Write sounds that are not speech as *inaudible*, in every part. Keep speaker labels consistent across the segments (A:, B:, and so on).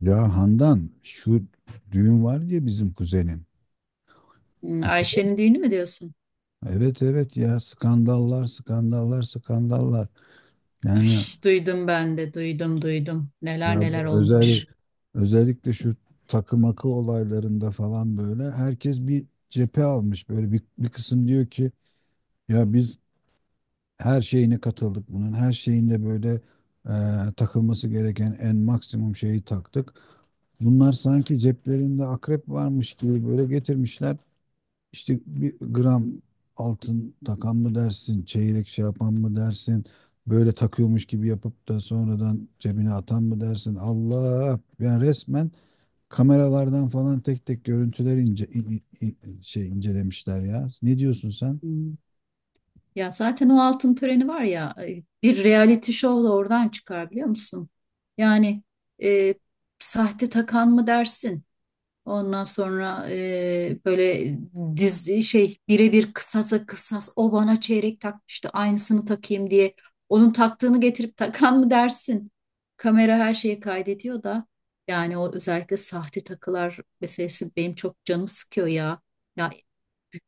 A: Ya Handan şu düğün var diye bizim kuzenin.
B: Hmm,
A: Hatırlıyor
B: Ayşe'nin
A: musun?
B: düğünü mü diyorsun?
A: Evet evet, ya skandallar skandallar skandallar.
B: Ay,
A: Yani,
B: duydum ben de, duydum, duydum. Neler
A: ya
B: neler
A: bu
B: olmuş.
A: özellikle şu takı makı olaylarında falan böyle herkes bir cephe almış. Böyle bir kısım diyor ki, ya biz her şeyine katıldık bunun. Her şeyinde böyle e, takılması gereken en maksimum şeyi taktık. Bunlar sanki ceplerinde akrep varmış gibi böyle getirmişler. İşte bir gram altın takan mı dersin, çeyrek şey yapan mı dersin, böyle takıyormuş gibi yapıp da sonradan cebine atan mı dersin? Allah! Yani resmen kameralardan falan tek tek görüntüler incelemişler ya. Ne diyorsun sen?
B: Hmm. Ya zaten o altın töreni var ya, ay, bir reality show da oradan çıkar biliyor musun? Yani e, sahte takan mı dersin? Ondan sonra böyle dizi şey birebir kısasa kısas o bana çeyrek takmıştı aynısını takayım diye. Onun taktığını getirip takan mı dersin? Kamera her şeyi kaydediyor da yani o özellikle sahte takılar meselesi benim çok canımı sıkıyor ya. Ya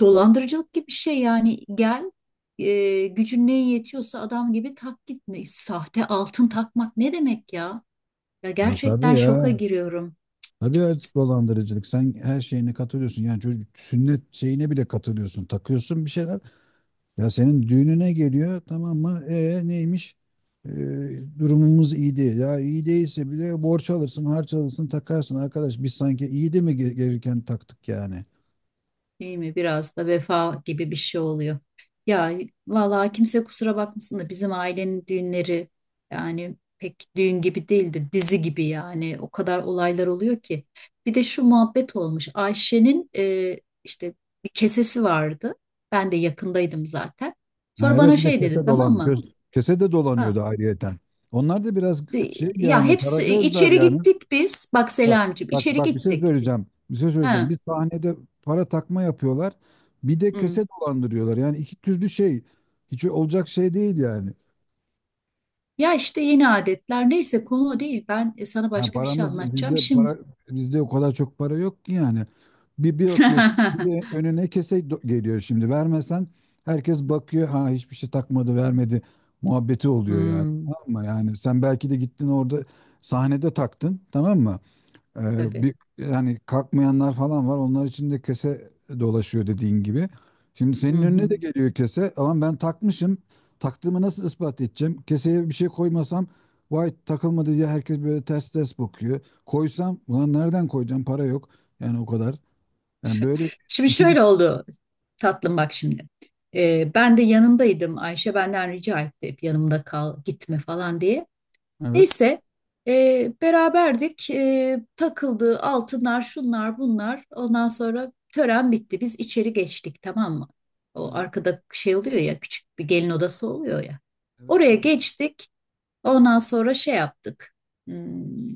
B: dolandırıcılık gibi bir şey yani gel gücün neye yetiyorsa adam gibi tak git. Ne- sahte altın takmak ne demek ya? Ya
A: Ya tabii
B: gerçekten şoka
A: ya.
B: giriyorum.
A: Tabii evet, dolandırıcılık. Sen her şeyine katılıyorsun. Yani çocuk sünnet şeyine bile katılıyorsun. Takıyorsun bir şeyler. Ya senin düğününe geliyor, tamam mı? E neymiş? E, Durumumuz iyi değil. Ya iyi değilse bile borç alırsın, harç alırsın, takarsın. Arkadaş biz sanki iyi de mi gelirken taktık yani?
B: Değil mi? Biraz da vefa gibi bir şey oluyor. Ya vallahi kimse kusura bakmasın da bizim ailenin düğünleri yani pek düğün gibi değildir. Dizi gibi yani. O kadar olaylar oluyor ki. Bir de şu muhabbet olmuş. Ayşe'nin işte bir kesesi vardı. Ben de yakındaydım zaten.
A: Ha,
B: Sonra
A: evet,
B: bana
A: bir de
B: şey dedi,
A: kese
B: tamam
A: dolan.
B: mı?
A: Göz, kese de
B: Ha,
A: dolanıyordu ayrıyeten. Onlar da biraz
B: de-
A: şey,
B: ya
A: yani para
B: hepsi
A: gözler
B: içeri
A: yani.
B: gittik biz. Bak
A: Bak,
B: Selamicim,
A: bak,
B: içeri
A: bak, bir şey
B: gittik.
A: söyleyeceğim. Bir şey söyleyeceğim.
B: Ha,
A: Bir sahnede para takma yapıyorlar. Bir de
B: hı.
A: kese dolandırıyorlar. Yani iki türlü şey. Hiç olacak şey değil yani.
B: Ya işte yeni adetler, neyse konu o değil. Ben sana
A: Yani
B: başka bir şey anlatacağım şimdi.
A: para bizde o kadar çok para yok ki yani. Bir bakıyorsun, bir de
B: *laughs*
A: önüne kese geliyor şimdi. Vermesen herkes bakıyor. Ha, hiçbir şey takmadı, vermedi muhabbeti oluyor yani.
B: Hmm.
A: Tamam mı? Yani sen belki de gittin orada sahnede taktın, tamam mı? Ee,
B: Tabii.
A: bir yani kalkmayanlar falan var. Onlar için de kese dolaşıyor dediğin gibi. Şimdi
B: Hı
A: senin önüne
B: hı.
A: de geliyor kese. Ama ben takmışım. Taktığımı nasıl ispat edeceğim? Keseye bir şey koymasam vay takılmadı diye herkes böyle ters ters bakıyor. Koysam ulan nereden koyacağım? Para yok. Yani o kadar. Yani
B: Ş-
A: böyle
B: Şimdi
A: ikili,
B: şöyle oldu tatlım, bak şimdi. Ben de yanındaydım. Ayşe benden rica etti hep yanımda kal gitme falan diye.
A: evet.
B: Neyse, beraberdik. Takıldı altınlar, şunlar bunlar. Ondan sonra tören bitti. Biz içeri geçtik, tamam mı? O
A: Evet.
B: arkada şey oluyor ya, küçük bir gelin odası oluyor ya.
A: Evet.
B: Oraya geçtik. Ondan sonra şey yaptık. Hmm,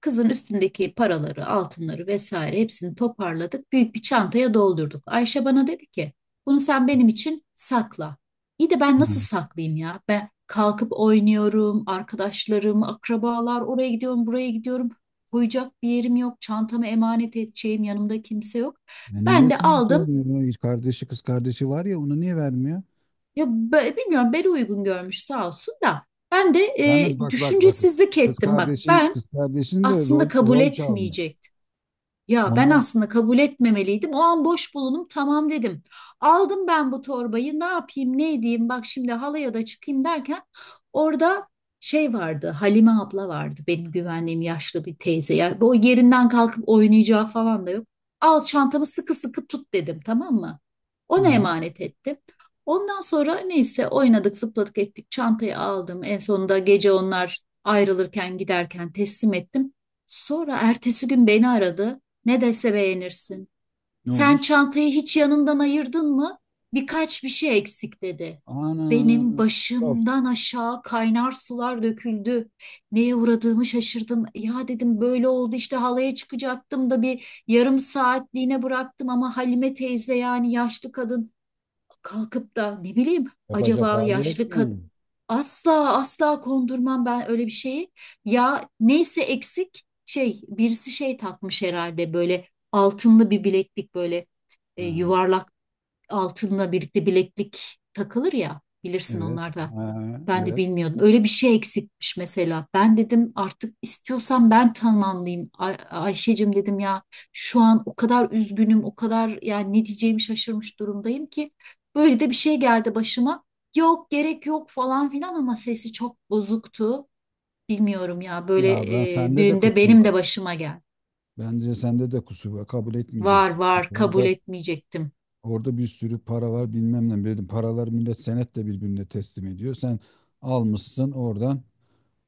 B: Kızın üstündeki paraları, altınları vesaire hepsini toparladık. Büyük bir çantaya doldurduk. Ayşe bana dedi ki, bunu sen benim için sakla. İyi de ben nasıl
A: Ha.
B: saklayayım ya? Ben kalkıp oynuyorum, arkadaşlarım, akrabalar, oraya gidiyorum, buraya gidiyorum. Koyacak bir yerim yok, çantamı emanet edeceğim, yanımda kimse yok.
A: Ya niye
B: Ben de
A: sana
B: aldım.
A: söylüyor? Kardeşi, kız kardeşi var ya, onu niye vermiyor?
B: Ya bilmiyorum, beni uygun görmüş sağ olsun da. Ben de
A: Yalnız bak, bak, bak.
B: düşüncesizlik
A: Kız
B: ettim bak.
A: kardeşin
B: Ben
A: kız kardeşin de
B: aslında
A: rol
B: kabul
A: rol çalmış.
B: etmeyecek. Ya ben
A: Ondan
B: aslında kabul etmemeliydim. O an boş bulundum. Tamam dedim. Aldım ben bu torbayı. Ne yapayım, ne edeyim? Bak şimdi halaya da çıkayım derken orada şey vardı. Halime abla vardı. Benim güvendiğim yaşlı bir teyze. Ya bu yerinden kalkıp oynayacağı falan da yok. Al çantamı sıkı sıkı tut dedim, tamam mı? Ona
A: Ha.
B: emanet ettim. Ondan sonra neyse oynadık, zıpladık ettik. Çantayı aldım. En sonunda gece onlar ayrılırken giderken teslim ettim. Sonra ertesi gün beni aradı. Ne dese beğenirsin.
A: Ne
B: Sen
A: olmuş?
B: çantayı hiç yanından ayırdın mı? Birkaç bir şey eksik dedi.
A: Ana,
B: Benim
A: yok.
B: başımdan aşağı kaynar sular döküldü. Neye uğradığımı şaşırdım. Ya dedim böyle oldu işte, halaya çıkacaktım da bir yarım saatliğine bıraktım ama Halime teyze, yani yaşlı kadın, kalkıp da ne bileyim
A: Yapacak
B: acaba
A: hali yok
B: yaşlı kad-
A: yani.
B: asla asla kondurmam ben öyle bir şeyi. Ya neyse, eksik şey, birisi şey takmış herhalde, böyle altınlı bir bileklik, böyle
A: Ha,
B: yuvarlak altınla birlikte bileklik takılır ya, bilirsin
A: evet.
B: onlarda.
A: Ha,
B: Ben de
A: evet.
B: bilmiyordum. Öyle bir şey eksikmiş mesela. Ben dedim artık istiyorsan ben tamamlayayım. Ay Ayşe'cim dedim ya, şu an o kadar üzgünüm, o kadar, yani ne diyeceğimi şaşırmış durumdayım ki. Böyle de bir şey geldi başıma. Yok gerek yok falan filan ama sesi çok bozuktu. Bilmiyorum ya, böyle
A: Ya, ben sende de
B: düğünde
A: kusur
B: benim
A: var.
B: de başıma geldi.
A: Bence sende de kusur var. Kabul
B: Var
A: etmeyecektin.
B: var, kabul
A: Orada
B: etmeyecektim.
A: orada bir sürü para var, bilmem ne. Dedim, paralar millet senetle birbirine teslim ediyor. Sen almışsın oradan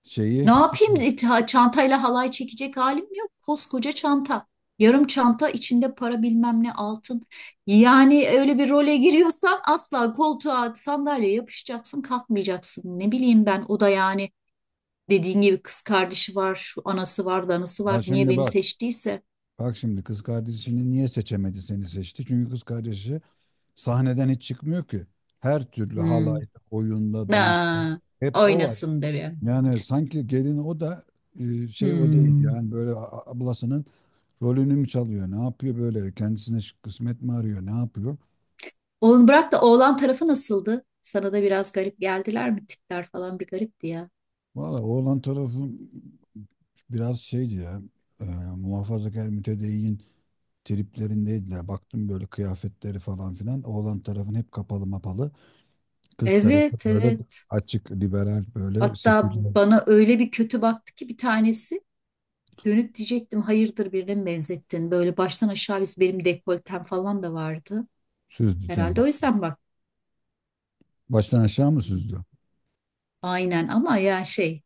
A: şeyi.
B: Ne yapayım?
A: Tamam.
B: E, çantayla halay çekecek halim yok. Koskoca çanta. Yarım çanta içinde para, bilmem ne, altın. Yani öyle bir role giriyorsan asla koltuğa sandalyeye yapışacaksın, kalkmayacaksın. Ne bileyim ben, o da yani dediğin gibi, kız kardeşi var, şu anası var, danası
A: Ben
B: var. Niye
A: şimdi
B: beni
A: bak.
B: seçtiyse.
A: Bak şimdi, kız kardeşini niye seçemedi, seni seçti? Çünkü kız kardeşi sahneden hiç çıkmıyor ki. Her türlü
B: Hmm.
A: halayda, oyunda, dansta
B: Aa,
A: hep o var.
B: oynasın de be.
A: Yani sanki gelin o da, şey, o değil
B: Hmm.
A: yani, böyle ablasının rolünü mü çalıyor? Ne yapıyor böyle? Kendisine kısmet mi arıyor? Ne yapıyor?
B: Oğlum bırak, da oğlan tarafı nasıldı? Sana da biraz garip geldiler mi? Tipler falan bir garipti ya.
A: Valla oğlan tarafı biraz şeydi ya, e, muhafazakar, mütedeyyin triplerindeydiler. Baktım böyle kıyafetleri falan filan. Oğlan tarafın hep kapalı mapalı. Kız tarafı
B: Evet
A: böyle
B: evet.
A: açık, liberal, böyle
B: Hatta
A: seküler
B: bana öyle bir kötü baktı ki bir tanesi, dönüp diyecektim hayırdır, birine mi benzettin? Böyle baştan aşağı, biz benim dekoltem falan da vardı.
A: söz düzeni.
B: Herhalde o yüzden bak.
A: Baştan aşağı mı süzdü?
B: Aynen, ama ya şey,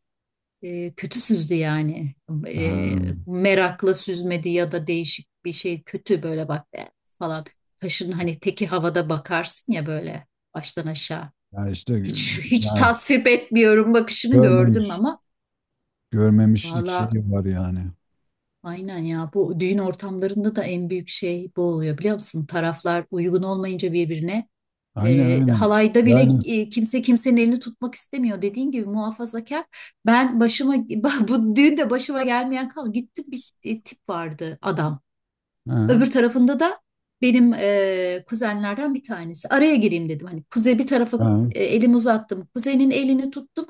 B: kötü süzdü yani.
A: Ha,
B: E, merakla süzmedi ya da değişik bir şey, kötü böyle bak, falan. Kaşın hani teki havada bakarsın ya, böyle baştan aşağı.
A: ya işte,
B: Hiç hiç
A: ya
B: tasvip etmiyorum bakışını gördüm
A: görmemiş.
B: ama
A: Görmemişlik
B: valla,
A: şeyi var yani.
B: aynen ya, bu düğün ortamlarında da en büyük şey bu oluyor biliyor musun? Taraflar uygun olmayınca birbirine,
A: Aynen aynen.
B: halayda bile,
A: Yani,
B: kimse kimsenin elini tutmak istemiyor. Dediğin gibi muhafazakar. Ben başıma *laughs* bu düğünde başıma gelmeyen kalmadı. Gittim, bir tip vardı adam.
A: ha,
B: Öbür tarafında da benim kuzenlerden bir tanesi. Araya gireyim dedim. Hani kuzey bir tarafa
A: ha.
B: elimi uzattım. Kuzenin elini tuttum.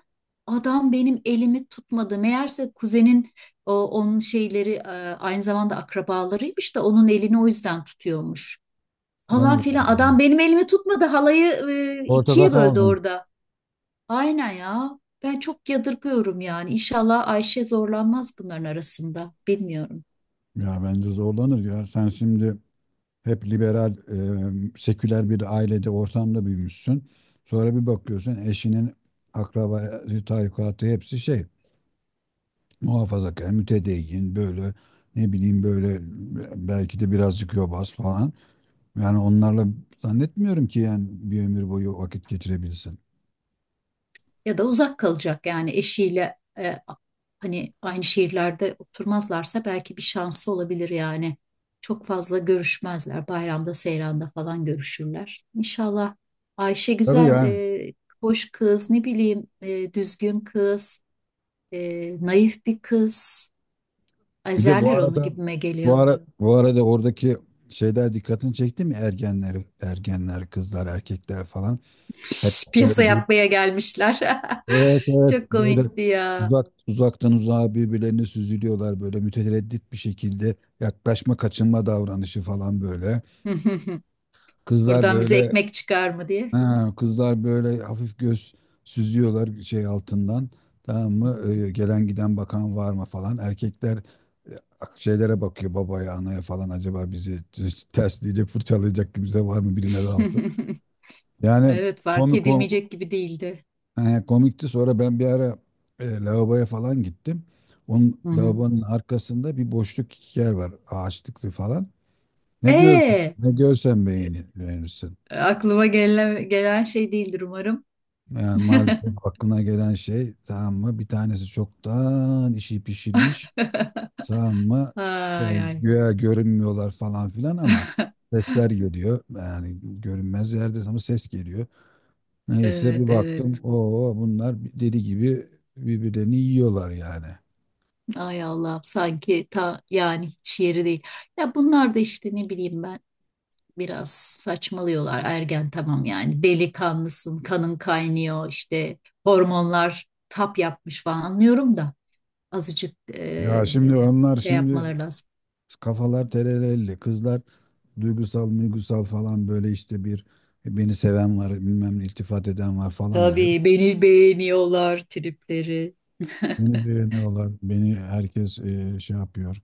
B: Adam benim elimi tutmadı. Meğerse kuzenin onun şeyleri, aynı zamanda akrabalarıymış da onun elini o yüzden tutuyormuş. Falan
A: Allah
B: filan.
A: Allah.
B: Adam benim elimi tutmadı. Halayı
A: Ortada
B: ikiye böldü
A: kaldın.
B: orada. Aynen ya. Ben çok yadırgıyorum yani. İnşallah Ayşe zorlanmaz bunların arasında. Bilmiyorum.
A: Ya bence zorlanır ya. Sen şimdi hep liberal, seküler bir ailede, ortamda büyümüşsün. Sonra bir bakıyorsun, eşinin akraba, tarikatı hepsi şey, muhafazakar, mütedeyyin, böyle ne bileyim böyle belki de birazcık yobaz falan. Yani onlarla zannetmiyorum ki yani bir ömür boyu vakit geçirebilsin.
B: Ya da uzak kalacak yani eşiyle, hani aynı şehirlerde oturmazlarsa belki bir şansı olabilir yani. Çok fazla görüşmezler. Bayramda, seyranda falan görüşürler. İnşallah Ayşe
A: Tabii
B: güzel,
A: yani.
B: hoş kız, ne bileyim, düzgün kız, e, naif bir kız.
A: Bir de bu
B: Ezerler onu
A: arada
B: gibime
A: bu
B: geliyor.
A: ara bu arada oradaki şeyler dikkatini çekti mi? Ergenler, kızlar, erkekler falan hep
B: *laughs* Piyasa
A: böyle bir
B: yapmaya gelmişler.
A: evet
B: *laughs* Çok
A: evet, böyle
B: komikti ya.
A: uzaktan uzağa birbirlerine süzülüyorlar, böyle mütereddit bir şekilde yaklaşma kaçınma davranışı falan böyle.
B: *laughs*
A: Kızlar
B: Buradan bize
A: böyle,
B: ekmek çıkar mı diye.
A: ha, kızlar böyle hafif göz süzüyorlar şey altından, tamam mı? Gelen giden bakan var mı falan, erkekler e, şeylere bakıyor, babaya, anaya falan, acaba bizi ters tersleyecek, fırçalayacak kimse var mı, birine daldı.
B: *laughs*
A: Yani
B: Evet, fark
A: komik.
B: edilmeyecek gibi değildi.
A: He, komikti. Sonra ben bir ara lavaboya falan gittim. Onun
B: Hı hı.
A: lavabonun arkasında bir boşluk yer var. Ağaçlıklı falan. Ne gördün?
B: E
A: Ne görsen beğenirsin.
B: aklıma gelen şey değildir umarım.
A: Yani
B: *laughs*
A: maalesef aklına gelen şey, tamam mı? Bir tanesi çoktan işi pişirmiş. Tamam mı?
B: Ay
A: Yani
B: ay.
A: güya görünmüyorlar falan filan ama sesler geliyor. Yani görünmez yerde ama ses geliyor. Neyse bir
B: Evet
A: baktım.
B: evet.
A: Oo, bunlar deli gibi birbirlerini yiyorlar yani.
B: Ay Allah'ım, sanki ta yani hiç yeri değil. Ya bunlar da işte ne bileyim ben biraz saçmalıyorlar. Ergen tamam, yani delikanlısın, kanın kaynıyor işte, hormonlar tap yapmış falan, anlıyorum da azıcık
A: Ya şimdi onlar,
B: şey
A: şimdi
B: yapmaları lazım.
A: kafalar terelelli. Kızlar duygusal duygusal falan böyle, işte bir beni seven var, bilmem ne, iltifat eden var falan diyor.
B: Tabii beni beğeniyorlar tripleri.
A: Beni
B: *laughs*
A: beğeniyorlar. Beni herkes şey yapıyor.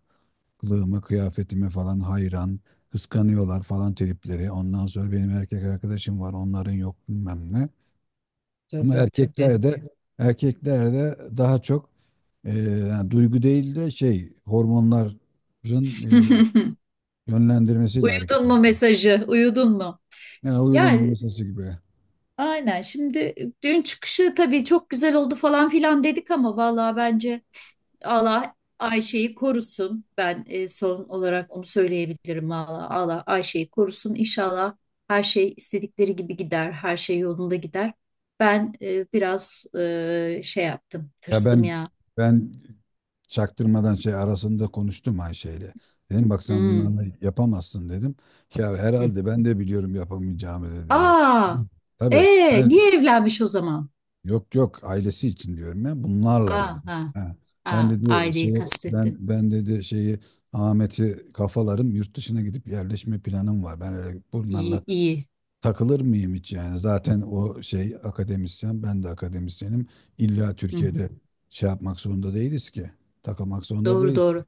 A: Kılığıma, kıyafetime falan hayran. Kıskanıyorlar falan tripleri. Ondan sonra benim erkek arkadaşım var, onların yok bilmem ne. Ama
B: Tabii tabii.
A: erkekler de, erkekler de daha çok yani duygu değil de şey, hormonların e,
B: *laughs*
A: yönlendirmesiyle hareket
B: Uyudun mu
A: ediyor.
B: mesajı? Uyudun mu?
A: Ya
B: Ya
A: uyudum bunun sesi gibi.
B: aynen, şimdi dün çıkışı tabii çok güzel oldu falan filan dedik ama vallahi bence Allah Ayşe'yi korusun. Ben son olarak onu söyleyebilirim valla. Allah Ayşe'yi korusun. İnşallah her şey istedikleri gibi gider. Her şey yolunda gider. Ben biraz şey yaptım.
A: Ya
B: Tırstım
A: ben
B: ya.
A: ben çaktırmadan şey arasında konuştum Ayşe'yle. Dedim bak, sen
B: Hmm.
A: bunlarla yapamazsın dedim. Ya herhalde ben de biliyorum yapamayacağımı dedi. Hı.
B: Aa,
A: Tabii ben,
B: niye evlenmiş o zaman?
A: yok yok ailesi için diyorum ya bunlarla
B: Ha
A: dedim.
B: ha,
A: Ha.
B: ha,
A: Ben dedi
B: aileyi
A: şey ben
B: kastetti.
A: ben dedi şeyi Ahmet'i kafalarım, yurt dışına gidip yerleşme planım var. Ben öyle bunlarla
B: İyi, iyi.
A: takılır mıyım hiç yani? Zaten o şey akademisyen, ben de akademisyenim. İlla
B: Hı hı.
A: Türkiye'de şey yapmak zorunda değiliz ki. Takılmak zorunda
B: Doğru
A: değil.
B: doğru.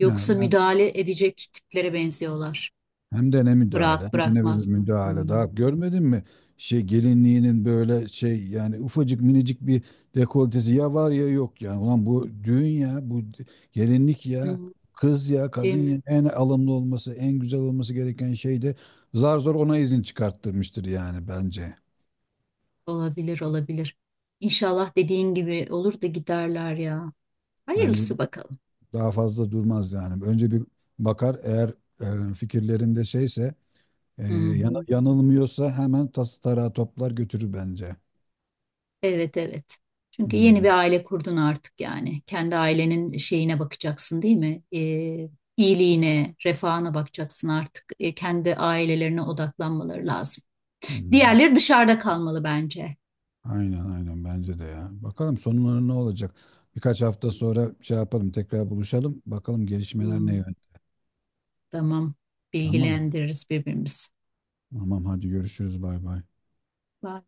B: Yoksa
A: Yani ben,
B: müdahale edecek tiplere benziyorlar.
A: hem de ne müdahale,
B: Bırak,
A: hem de ne bir
B: bırakmaz.
A: müdahale.
B: Hmm,
A: Daha görmedin mi? Şey gelinliğinin böyle şey, yani ufacık minicik bir dekoltesi ya var ya yok yani. Ulan bu düğün ya, bu gelinlik ya,
B: hı,
A: kız ya, kadın
B: değil
A: ya.
B: mi?
A: En alımlı olması, en güzel olması gereken şey de zar zor ona izin çıkarttırmıştır yani bence.
B: Olabilir olabilir. İnşallah dediğin gibi olur da giderler ya.
A: Bence
B: Hayırlısı bakalım.
A: daha fazla durmaz yani. Önce bir bakar, eğer fikirlerinde şeyse, e,
B: Hı hı.
A: yanılmıyorsa hemen tas tarağı toplar götürür bence.
B: Evet evet. Çünkü yeni
A: Hmm,
B: bir aile kurdun artık yani. Kendi ailenin şeyine bakacaksın değil mi? İyiliğine, refahına bakacaksın artık. Kendi ailelerine odaklanmaları lazım.
A: hmm.
B: Diğerleri dışarıda kalmalı bence.
A: Aynen aynen bence de ya. Bakalım sonları ne olacak? Birkaç hafta sonra şey yapalım, tekrar buluşalım. Bakalım gelişmeler ne
B: Hmm,
A: yönde.
B: tamam.
A: Tamam mı?
B: Bilgilendiririz birbirimizi.
A: Tamam, hadi görüşürüz, bay bay.
B: Bye.